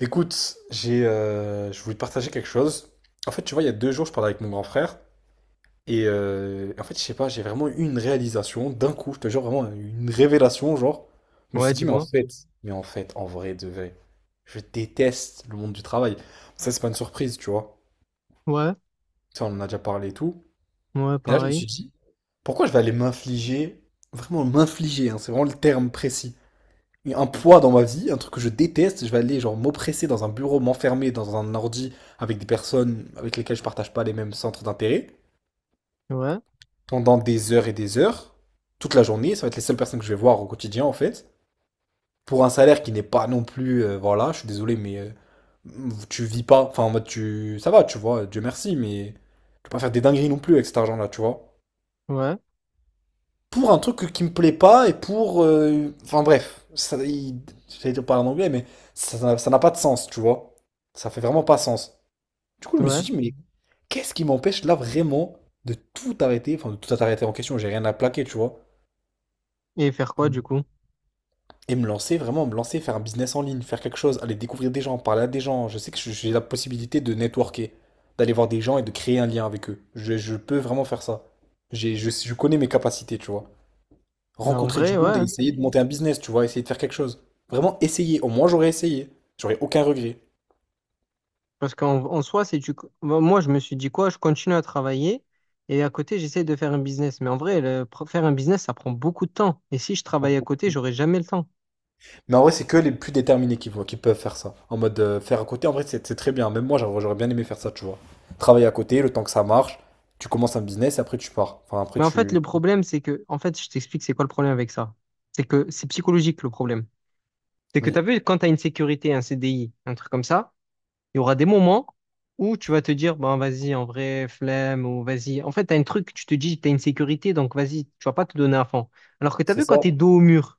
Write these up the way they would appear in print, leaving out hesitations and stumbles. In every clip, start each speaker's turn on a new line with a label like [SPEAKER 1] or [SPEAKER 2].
[SPEAKER 1] Écoute, je voulais te partager quelque chose. En fait, tu vois, il y a 2 jours, je parlais avec mon grand frère. Et en fait, je sais pas, j'ai vraiment eu une réalisation d'un coup, je te jure, vraiment une révélation. Genre, je me
[SPEAKER 2] Ouais,
[SPEAKER 1] suis dit, mais en
[SPEAKER 2] dis-moi.
[SPEAKER 1] fait, mais en fait, en vrai, de vrai, je déteste le monde du travail. Ça, c'est pas une surprise, tu vois.
[SPEAKER 2] Ouais,
[SPEAKER 1] Ça, on en a déjà parlé et tout.
[SPEAKER 2] ouais,
[SPEAKER 1] Mais là, je me
[SPEAKER 2] pareil.
[SPEAKER 1] suis dit, pourquoi je vais aller m'infliger, vraiment m'infliger, hein, c'est vraiment le terme précis, un poids dans ma vie, un truc que je déteste, je vais aller genre m'oppresser dans un bureau, m'enfermer dans un ordi avec des personnes avec lesquelles je partage pas les mêmes centres d'intérêt
[SPEAKER 2] Ouais,
[SPEAKER 1] pendant des heures et des heures, toute la journée, ça va être les seules personnes que je vais voir au quotidien en fait, pour un salaire qui n'est pas non plus voilà, je suis désolé mais tu vis pas, enfin en mode tu ça va, tu vois, Dieu merci mais tu peux pas faire des dingueries non plus avec cet argent là, tu vois,
[SPEAKER 2] ouais,
[SPEAKER 1] pour un truc qui me plaît pas. Et pour. Enfin bref, ça, j'allais dire parler en anglais, mais ça n'a pas de sens, tu vois. Ça fait vraiment pas sens. Du coup, je me suis
[SPEAKER 2] ouais.
[SPEAKER 1] dit, mais qu'est-ce qui m'empêche là vraiment de tout arrêter, enfin de tout arrêter en question, j'ai rien à plaquer, tu vois.
[SPEAKER 2] Et faire quoi du coup?
[SPEAKER 1] Et me lancer, vraiment me lancer, faire un business en ligne, faire quelque chose, aller découvrir des gens, parler à des gens. Je sais que j'ai la possibilité de networker, d'aller voir des gens et de créer un lien avec eux. Je peux vraiment faire ça. Je connais mes capacités, tu vois.
[SPEAKER 2] Ben en
[SPEAKER 1] Rencontrer
[SPEAKER 2] vrai,
[SPEAKER 1] du monde et
[SPEAKER 2] ouais.
[SPEAKER 1] essayer de monter un business, tu vois, essayer de faire quelque chose. Vraiment essayer. Au moins, j'aurais essayé. J'aurais aucun regret.
[SPEAKER 2] Parce qu'en soi, c'est tu. Ben, moi, je me suis dit quoi? Je continue à travailler et à côté, j'essaie de faire un business. Mais en vrai, faire un business, ça prend beaucoup de temps. Et si je travaille à côté, j'aurai jamais le temps.
[SPEAKER 1] Mais en vrai, c'est que les plus déterminés qui, qui peuvent faire ça. En mode faire à côté, en vrai, c'est très bien. Même moi, j'aurais bien aimé faire ça, tu vois. Travailler à côté, le temps que ça marche, tu commences un business et après tu pars. Enfin, après
[SPEAKER 2] Mais en fait, le
[SPEAKER 1] tu.
[SPEAKER 2] problème, c'est que. En fait, je t'explique c'est quoi le problème avec ça. C'est que c'est psychologique le problème. C'est que tu as
[SPEAKER 1] Oui,
[SPEAKER 2] vu quand tu as une sécurité, un CDI, un truc comme ça. Il y aura des moments où tu vas te dire, bon, vas-y, en vrai, flemme, ou vas-y. En fait, t'as un truc, tu te dis, t'as une sécurité, donc vas-y, tu vas pas te donner à fond. Alors que t'as
[SPEAKER 1] c'est
[SPEAKER 2] vu, quand
[SPEAKER 1] ça.
[SPEAKER 2] t'es dos au mur,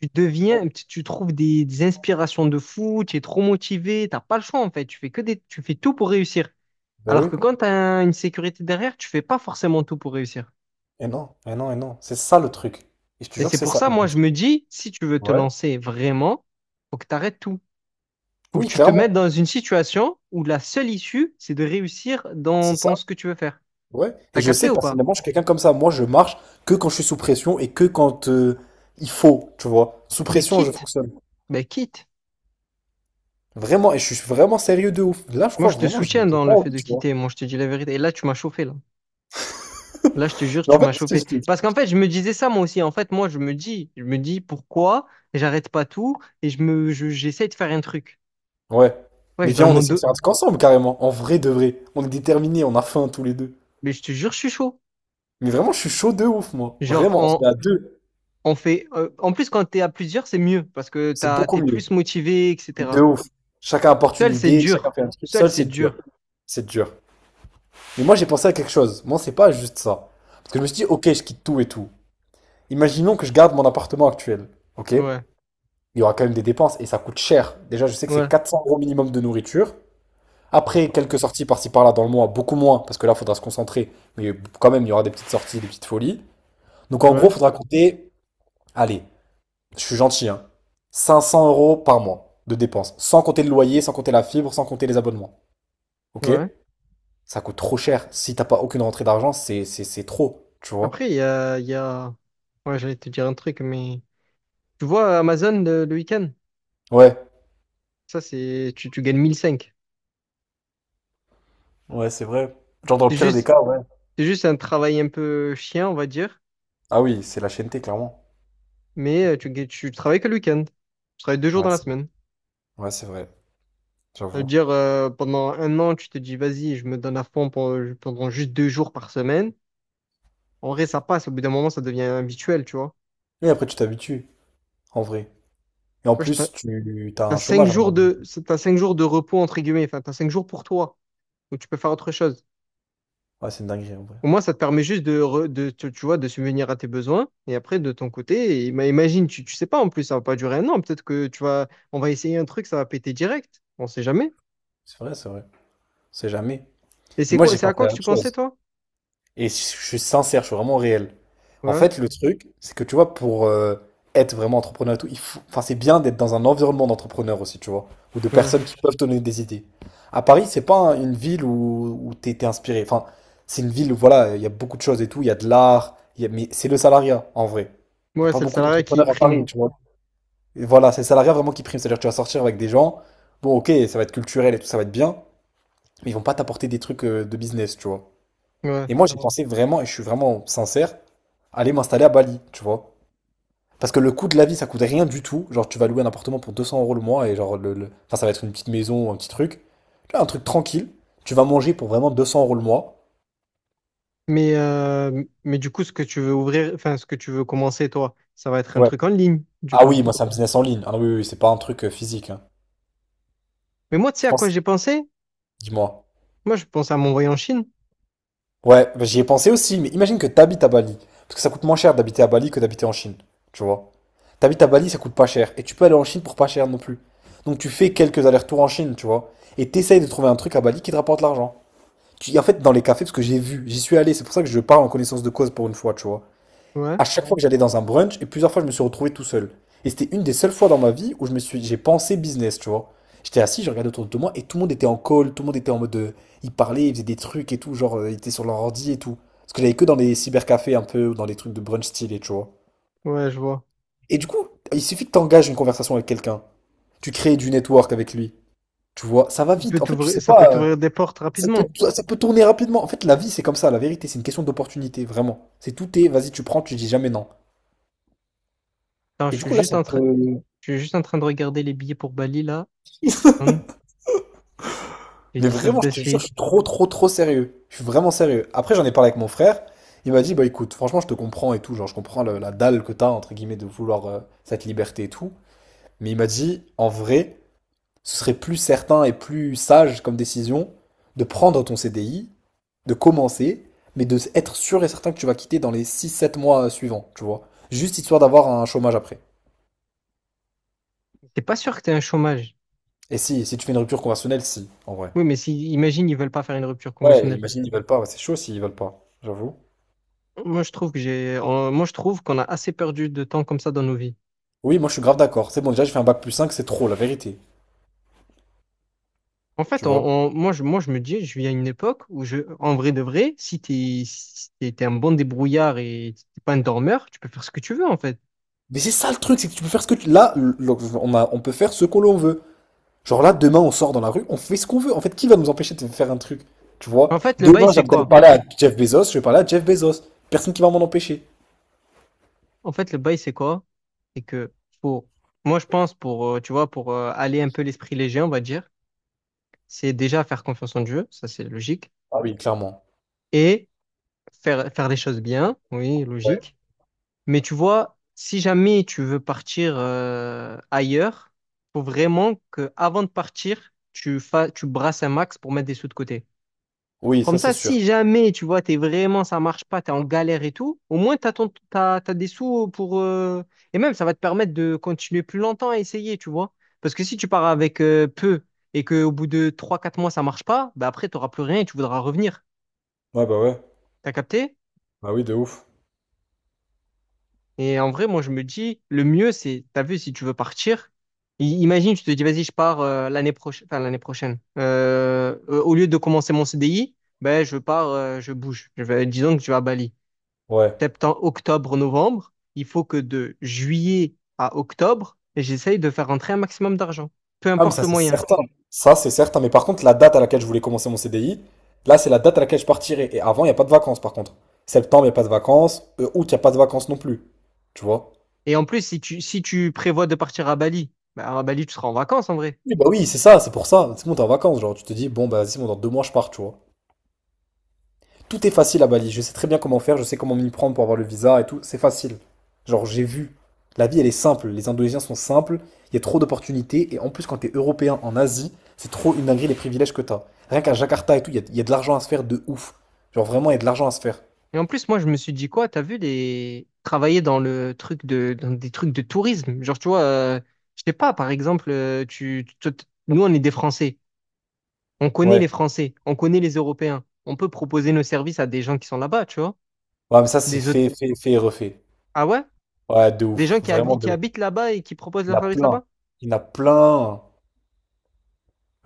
[SPEAKER 2] tu deviens,
[SPEAKER 1] Ouais.
[SPEAKER 2] tu trouves des inspirations de fou, tu es trop motivé, t'as pas le choix, en fait. Tu fais tout pour réussir.
[SPEAKER 1] Bah
[SPEAKER 2] Alors
[SPEAKER 1] oui.
[SPEAKER 2] que quand t'as une sécurité derrière, tu fais pas forcément tout pour réussir.
[SPEAKER 1] Et non, et non, et non. C'est ça le truc. Et je te
[SPEAKER 2] Et
[SPEAKER 1] jure que
[SPEAKER 2] c'est
[SPEAKER 1] c'est
[SPEAKER 2] pour
[SPEAKER 1] ça.
[SPEAKER 2] ça,
[SPEAKER 1] Et je
[SPEAKER 2] moi,
[SPEAKER 1] me
[SPEAKER 2] je
[SPEAKER 1] suis-
[SPEAKER 2] me dis, si tu veux te
[SPEAKER 1] Ouais.
[SPEAKER 2] lancer vraiment, faut que t'arrêtes tout. Faut que
[SPEAKER 1] Oui,
[SPEAKER 2] tu te mettes
[SPEAKER 1] clairement.
[SPEAKER 2] dans une situation où la seule issue, c'est de réussir dans
[SPEAKER 1] C'est ça.
[SPEAKER 2] ce que tu veux faire.
[SPEAKER 1] Ouais. Et
[SPEAKER 2] T'as
[SPEAKER 1] je
[SPEAKER 2] capté
[SPEAKER 1] sais
[SPEAKER 2] ou pas?
[SPEAKER 1] personnellement, je suis quelqu'un comme ça. Moi, je marche que quand je suis sous pression et que quand il faut, tu vois. Sous
[SPEAKER 2] Ben
[SPEAKER 1] pression, je
[SPEAKER 2] quitte,
[SPEAKER 1] fonctionne.
[SPEAKER 2] ben quitte.
[SPEAKER 1] Vraiment, et je suis vraiment sérieux de ouf. Là, je
[SPEAKER 2] Moi,
[SPEAKER 1] crois
[SPEAKER 2] je te
[SPEAKER 1] vraiment, j'ai
[SPEAKER 2] soutiens
[SPEAKER 1] j'ai
[SPEAKER 2] dans
[SPEAKER 1] pas
[SPEAKER 2] le fait
[SPEAKER 1] envie,
[SPEAKER 2] de
[SPEAKER 1] tu vois.
[SPEAKER 2] quitter. Moi, je te dis la vérité. Et là, tu m'as chauffé, là. Là, je te jure,
[SPEAKER 1] Mais
[SPEAKER 2] tu
[SPEAKER 1] en
[SPEAKER 2] m'as
[SPEAKER 1] fait, je
[SPEAKER 2] chauffé.
[SPEAKER 1] t'explique.
[SPEAKER 2] Parce qu'en fait, je me disais ça moi aussi. En fait, moi, je me dis pourquoi j'arrête pas tout et j'essaie de faire un truc.
[SPEAKER 1] Ouais.
[SPEAKER 2] Ouais, je
[SPEAKER 1] Mais
[SPEAKER 2] suis dans
[SPEAKER 1] viens,
[SPEAKER 2] le
[SPEAKER 1] on
[SPEAKER 2] monde
[SPEAKER 1] essaie de
[SPEAKER 2] deux.
[SPEAKER 1] faire un truc ensemble, carrément. En vrai de vrai. On est déterminés, on a faim tous les deux.
[SPEAKER 2] Mais je te jure, je suis chaud.
[SPEAKER 1] Mais vraiment, je suis chaud de ouf, moi.
[SPEAKER 2] Genre,
[SPEAKER 1] Vraiment, on se met
[SPEAKER 2] on,
[SPEAKER 1] à deux.
[SPEAKER 2] on fait. En plus, quand t'es à plusieurs, c'est mieux parce que
[SPEAKER 1] C'est beaucoup
[SPEAKER 2] t'es
[SPEAKER 1] mieux.
[SPEAKER 2] plus motivé,
[SPEAKER 1] De
[SPEAKER 2] etc.
[SPEAKER 1] ouf. Chacun apporte une
[SPEAKER 2] Seul, c'est
[SPEAKER 1] idée, chacun
[SPEAKER 2] dur.
[SPEAKER 1] fait un truc.
[SPEAKER 2] Seul,
[SPEAKER 1] Seul,
[SPEAKER 2] c'est
[SPEAKER 1] c'est dur.
[SPEAKER 2] dur.
[SPEAKER 1] C'est dur. Mais moi, j'ai pensé à quelque chose. Moi, c'est pas juste ça. Parce que je me suis dit, ok, je quitte tout et tout. Imaginons que je garde mon appartement actuel, ok?
[SPEAKER 2] Ouais,
[SPEAKER 1] Il y aura quand même des dépenses et ça coûte cher. Déjà, je sais que c'est
[SPEAKER 2] ouais,
[SPEAKER 1] 400 euros minimum de nourriture. Après, quelques sorties par-ci par-là dans le mois, beaucoup moins, parce que là, il faudra se concentrer. Mais quand même, il y aura des petites sorties, des petites folies. Donc en gros,
[SPEAKER 2] ouais,
[SPEAKER 1] il faudra compter, allez, je suis gentil, hein, 500 euros par mois de dépenses, sans compter le loyer, sans compter la fibre, sans compter les abonnements. Ok?
[SPEAKER 2] ouais.
[SPEAKER 1] Ça coûte trop cher. Si t'as pas aucune rentrée d'argent, c'est trop, tu vois?
[SPEAKER 2] Après, il y a. Ouais, j'allais te dire un truc, mais. Tu vois, Amazon, le week-end,
[SPEAKER 1] Ouais.
[SPEAKER 2] ça, c'est. Tu gagnes 1005.
[SPEAKER 1] Ouais, c'est vrai. Genre dans le
[SPEAKER 2] C'est
[SPEAKER 1] pire des
[SPEAKER 2] juste,
[SPEAKER 1] cas, ouais.
[SPEAKER 2] c'est juste un travail un peu chien, on va dire,
[SPEAKER 1] Ah oui, c'est la chaîne T, clairement.
[SPEAKER 2] mais tu travailles que le week-end. Tu travailles 2 jours
[SPEAKER 1] Ouais,
[SPEAKER 2] dans la semaine.
[SPEAKER 1] c'est vrai,
[SPEAKER 2] Ça veut
[SPEAKER 1] j'avoue.
[SPEAKER 2] dire, pendant un an, tu te dis, vas-y, je me donne à fond pendant juste 2 jours par semaine. En vrai, ça passe. Au bout d'un moment, ça devient habituel, tu vois.
[SPEAKER 1] Et après, tu t'habitues, en vrai. Et en
[SPEAKER 2] Ouais,
[SPEAKER 1] plus, tu as
[SPEAKER 2] t'as
[SPEAKER 1] un
[SPEAKER 2] cinq
[SPEAKER 1] chômage à un moment
[SPEAKER 2] jours
[SPEAKER 1] donné.
[SPEAKER 2] de, t'as 5 jours de repos, entre guillemets. Enfin, t'as 5 jours pour toi, où tu peux faire autre chose.
[SPEAKER 1] Ouais, c'est une dinguerie, en vrai.
[SPEAKER 2] Au moins, ça te permet juste de, re- de tu, tu vois, de subvenir à tes besoins. Et après, de ton côté, imagine, tu sais pas en plus, ça va pas durer un an. Peut-être que on va essayer un truc, ça va péter direct. On sait jamais.
[SPEAKER 1] C'est vrai, c'est vrai. On sait jamais.
[SPEAKER 2] Et
[SPEAKER 1] Mais moi, j'ai
[SPEAKER 2] c'est à
[SPEAKER 1] pensé
[SPEAKER 2] quoi que
[SPEAKER 1] à
[SPEAKER 2] tu
[SPEAKER 1] autre
[SPEAKER 2] pensais,
[SPEAKER 1] chose.
[SPEAKER 2] toi?
[SPEAKER 1] Et je suis sincère, je suis vraiment réel. En
[SPEAKER 2] Ouais,
[SPEAKER 1] fait, le truc, c'est que tu vois, pour être vraiment entrepreneur et tout, il faut, enfin, c'est bien d'être dans un environnement d'entrepreneurs aussi, tu vois, ou de
[SPEAKER 2] ouais.
[SPEAKER 1] personnes qui peuvent te donner des idées. À Paris, c'est pas une ville où t'es inspiré. Enfin, c'est une ville où, voilà, il y a beaucoup de choses et tout, il y a de l'art, il y a, mais c'est le salariat, en vrai. Il n'y a
[SPEAKER 2] Ouais,
[SPEAKER 1] pas
[SPEAKER 2] c'est le
[SPEAKER 1] beaucoup
[SPEAKER 2] salariat qui
[SPEAKER 1] d'entrepreneurs à
[SPEAKER 2] prime.
[SPEAKER 1] Paris, tu vois. Et voilà, c'est le salariat vraiment qui prime. C'est-à-dire que tu vas sortir avec des gens, bon, ok, ça va être culturel et tout, ça va être bien, mais ils vont pas t'apporter des trucs de business, tu vois.
[SPEAKER 2] Ouais.
[SPEAKER 1] Et moi, j'ai pensé vraiment, et je suis vraiment sincère, aller m'installer à Bali, tu vois. Parce que le coût de la vie, ça coûte rien du tout. Genre, tu vas louer un appartement pour 200 euros le mois, et genre, enfin, ça va être une petite maison, un petit truc. Tu vois, un truc tranquille. Tu vas manger pour vraiment 200 euros le mois.
[SPEAKER 2] Mais du coup, ce que tu veux ouvrir, enfin, ce que tu veux commencer, toi, ça va être un
[SPEAKER 1] Ouais.
[SPEAKER 2] truc en ligne, du
[SPEAKER 1] Ah
[SPEAKER 2] coup.
[SPEAKER 1] oui, moi, c'est un business en ligne. Ah oui, oui, oui, c'est pas un truc physique, hein.
[SPEAKER 2] Mais moi, tu sais
[SPEAKER 1] Je
[SPEAKER 2] à quoi
[SPEAKER 1] pense,
[SPEAKER 2] j'ai pensé?
[SPEAKER 1] dis-moi.
[SPEAKER 2] Moi, je pense à m'envoyer en Chine.
[SPEAKER 1] Ouais, bah, j'y ai pensé aussi, mais imagine que t'habites à Bali. Parce que ça coûte moins cher d'habiter à Bali que d'habiter en Chine. Tu vois? T'habites à Bali, ça coûte pas cher. Et tu peux aller en Chine pour pas cher non plus. Donc tu fais quelques allers-retours en Chine, tu vois? Et t'essayes de trouver un truc à Bali qui te rapporte l'argent. En fait, dans les cafés, parce que j'ai vu, j'y suis allé, c'est pour ça que je parle en connaissance de cause pour une fois, tu vois?
[SPEAKER 2] Ouais,
[SPEAKER 1] À chaque fois que j'allais dans un brunch, et plusieurs fois je me suis retrouvé tout seul. Et c'était une des seules fois dans ma vie où j'ai pensé business, tu vois. J'étais assis, je regardais autour de moi et tout le monde était en call, tout le monde était en mode, ils parlaient, ils faisaient des trucs et tout, genre ils étaient sur leur ordi et tout. Parce que j'allais que dans les cybercafés un peu, ou dans les trucs de brunch stylé, tu vois.
[SPEAKER 2] ouais, je vois.
[SPEAKER 1] Et du coup, il suffit que t'engages une conversation avec quelqu'un, tu crées du network avec lui, tu vois. Ça va
[SPEAKER 2] Il peut
[SPEAKER 1] vite. En fait, tu
[SPEAKER 2] t'ouvrir,
[SPEAKER 1] sais
[SPEAKER 2] ça peut
[SPEAKER 1] pas,
[SPEAKER 2] t'ouvrir des portes
[SPEAKER 1] ça peut,
[SPEAKER 2] rapidement.
[SPEAKER 1] ça peut tourner rapidement. En fait, la vie c'est comme ça, la vérité, c'est une question d'opportunité, vraiment. C'est tout est, vas-y, tu prends, tu dis jamais non.
[SPEAKER 2] Attends,
[SPEAKER 1] Et
[SPEAKER 2] je
[SPEAKER 1] du
[SPEAKER 2] suis
[SPEAKER 1] coup, là,
[SPEAKER 2] juste
[SPEAKER 1] ça
[SPEAKER 2] en train,
[SPEAKER 1] peut.
[SPEAKER 2] je suis juste en train de regarder les billets pour Bali là. Hum. J'ai
[SPEAKER 1] Mais
[SPEAKER 2] dit ça
[SPEAKER 1] vraiment, je
[SPEAKER 2] de
[SPEAKER 1] te jure, je
[SPEAKER 2] suite.
[SPEAKER 1] suis trop, trop, trop sérieux. Je suis vraiment sérieux. Après, j'en ai parlé avec mon frère. Il m'a dit, bah écoute, franchement, je te comprends et tout. Genre, je comprends la dalle que t'as, entre guillemets, de vouloir cette liberté et tout. Mais il m'a dit, en vrai, ce serait plus certain et plus sage comme décision de prendre ton CDI, de commencer, mais de être sûr et certain que tu vas quitter dans les 6, 7 mois suivants, tu vois. Juste histoire d'avoir un chômage après.
[SPEAKER 2] T'es pas sûr que t'es un chômage?
[SPEAKER 1] Et si tu fais une rupture conventionnelle, si, en vrai.
[SPEAKER 2] Oui, mais si, imagine, ils veulent pas faire une rupture
[SPEAKER 1] Ouais,
[SPEAKER 2] conventionnelle.
[SPEAKER 1] imagine, ils veulent pas. Ouais, c'est chaud s'ils veulent pas, j'avoue.
[SPEAKER 2] Moi, je trouve qu'on a assez perdu de temps comme ça dans nos vies.
[SPEAKER 1] Oui, moi je suis grave d'accord. C'est bon, déjà j'ai fait un bac+5, c'est trop, la vérité.
[SPEAKER 2] En
[SPEAKER 1] Tu
[SPEAKER 2] fait,
[SPEAKER 1] vois?
[SPEAKER 2] moi, je me dis, je vis à une époque où, en vrai de vrai, si t'es un bon débrouillard et si t'es pas un dormeur, tu peux faire ce que tu veux, en fait.
[SPEAKER 1] Mais c'est ça le truc, c'est que tu peux faire ce que tu. Là, on peut faire ce que l'on veut. Genre là, demain on sort dans la rue, on fait ce qu'on veut. En fait, qui va nous empêcher de faire un truc? Tu vois?
[SPEAKER 2] En fait, le bail,
[SPEAKER 1] Demain, j'ai
[SPEAKER 2] c'est
[SPEAKER 1] envie d'aller
[SPEAKER 2] quoi?
[SPEAKER 1] parler à Jeff Bezos, je vais parler à Jeff Bezos. Personne qui va m'en empêcher.
[SPEAKER 2] En fait, le bail, c'est quoi? C'est que, faut, moi, je pense, tu vois, pour aller un peu l'esprit léger, on va dire, c'est déjà faire confiance en Dieu, ça, c'est logique.
[SPEAKER 1] Ah oui, clairement.
[SPEAKER 2] Et faire les choses bien, oui,
[SPEAKER 1] Ouais.
[SPEAKER 2] logique. Mais tu vois, si jamais tu veux partir ailleurs, faut vraiment que avant de partir, tu brasses un max pour mettre des sous de côté.
[SPEAKER 1] Oui,
[SPEAKER 2] Comme
[SPEAKER 1] ça c'est
[SPEAKER 2] ça,
[SPEAKER 1] sûr.
[SPEAKER 2] si jamais tu vois, t'es vraiment, ça marche pas, t'es en galère et tout, au moins t'as des sous pour et même ça va te permettre de continuer plus longtemps à essayer, tu vois. Parce que si tu pars avec peu et que au bout de trois quatre mois ça marche pas, bah après t'auras plus rien et tu voudras revenir.
[SPEAKER 1] Ouais.
[SPEAKER 2] T'as capté?
[SPEAKER 1] Bah oui, de ouf.
[SPEAKER 2] Et en vrai, moi, je me dis, le mieux, c'est, t'as vu, si tu veux partir, imagine, tu te dis, vas-y, je pars l'année prochaine, enfin, l'année prochaine. Au lieu de commencer mon CDI, ben, je pars, je bouge. Disons que tu vas à Bali.
[SPEAKER 1] Ouais.
[SPEAKER 2] Septembre, octobre, novembre, il faut que de juillet à octobre, j'essaye de faire rentrer un maximum d'argent, peu
[SPEAKER 1] Ah, mais
[SPEAKER 2] importe
[SPEAKER 1] ça,
[SPEAKER 2] le
[SPEAKER 1] c'est
[SPEAKER 2] moyen.
[SPEAKER 1] certain. Ça, c'est certain. Mais par contre, la date à laquelle je voulais commencer mon CDI, là, c'est la date à laquelle je partirai. Et avant, il n'y a pas de vacances, par contre. Septembre, il n'y a pas de vacances. Août, il n'y a pas de vacances non plus. Tu vois?
[SPEAKER 2] Et en plus, si tu, prévois de partir à Bali, ben, à Bali, tu seras en vacances, en vrai.
[SPEAKER 1] Oui, bah oui, c'est ça, c'est pour ça. C'est bon, t'es en vacances, genre. Tu te dis, bon, bah, vas-y, c'est bon, dans 2 mois, je pars, tu vois. Tout est facile à Bali. Je sais très bien comment faire, je sais comment m'y prendre pour avoir le visa et tout. C'est facile. Genre, j'ai vu. La vie, elle est simple. Les Indonésiens sont simples. Il y a trop d'opportunités. Et en plus, quand t'es européen en Asie, c'est trop une dinguerie les privilèges que t'as. Rien qu'à Jakarta et tout, il y a de l'argent à se faire de ouf. Genre, vraiment, il y a de l'argent à se faire.
[SPEAKER 2] Et en plus, moi, je me suis dit quoi, t'as vu Travailler dans dans des trucs de tourisme. Genre, tu vois, je sais pas, par exemple, nous, on est des Français. On connaît
[SPEAKER 1] Ouais.
[SPEAKER 2] les Français. On connaît les Européens. On peut proposer nos services à des gens qui sont là-bas, tu vois.
[SPEAKER 1] Ouais, mais ça, c'est
[SPEAKER 2] Des autres.
[SPEAKER 1] fait, fait, fait et refait.
[SPEAKER 2] Ah ouais?
[SPEAKER 1] Ouais, de
[SPEAKER 2] Des
[SPEAKER 1] ouf.
[SPEAKER 2] gens qui,
[SPEAKER 1] Vraiment
[SPEAKER 2] habi- qui
[SPEAKER 1] de ouf.
[SPEAKER 2] habitent là-bas et qui proposent
[SPEAKER 1] Il y
[SPEAKER 2] leurs
[SPEAKER 1] en a
[SPEAKER 2] services
[SPEAKER 1] plein.
[SPEAKER 2] là-bas?
[SPEAKER 1] Il y en a plein.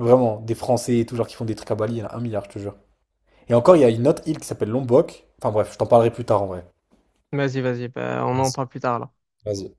[SPEAKER 1] Vraiment. Des Français et tout, genre, qui font des trucs à Bali. Il y en a un milliard, je te jure. Et encore, il y a une autre île qui s'appelle Lombok. Enfin, bref, je t'en parlerai plus tard en vrai.
[SPEAKER 2] Vas-y, vas-y, bah, on en
[SPEAKER 1] Vas-y.
[SPEAKER 2] parle plus tard, là.
[SPEAKER 1] Vas-y.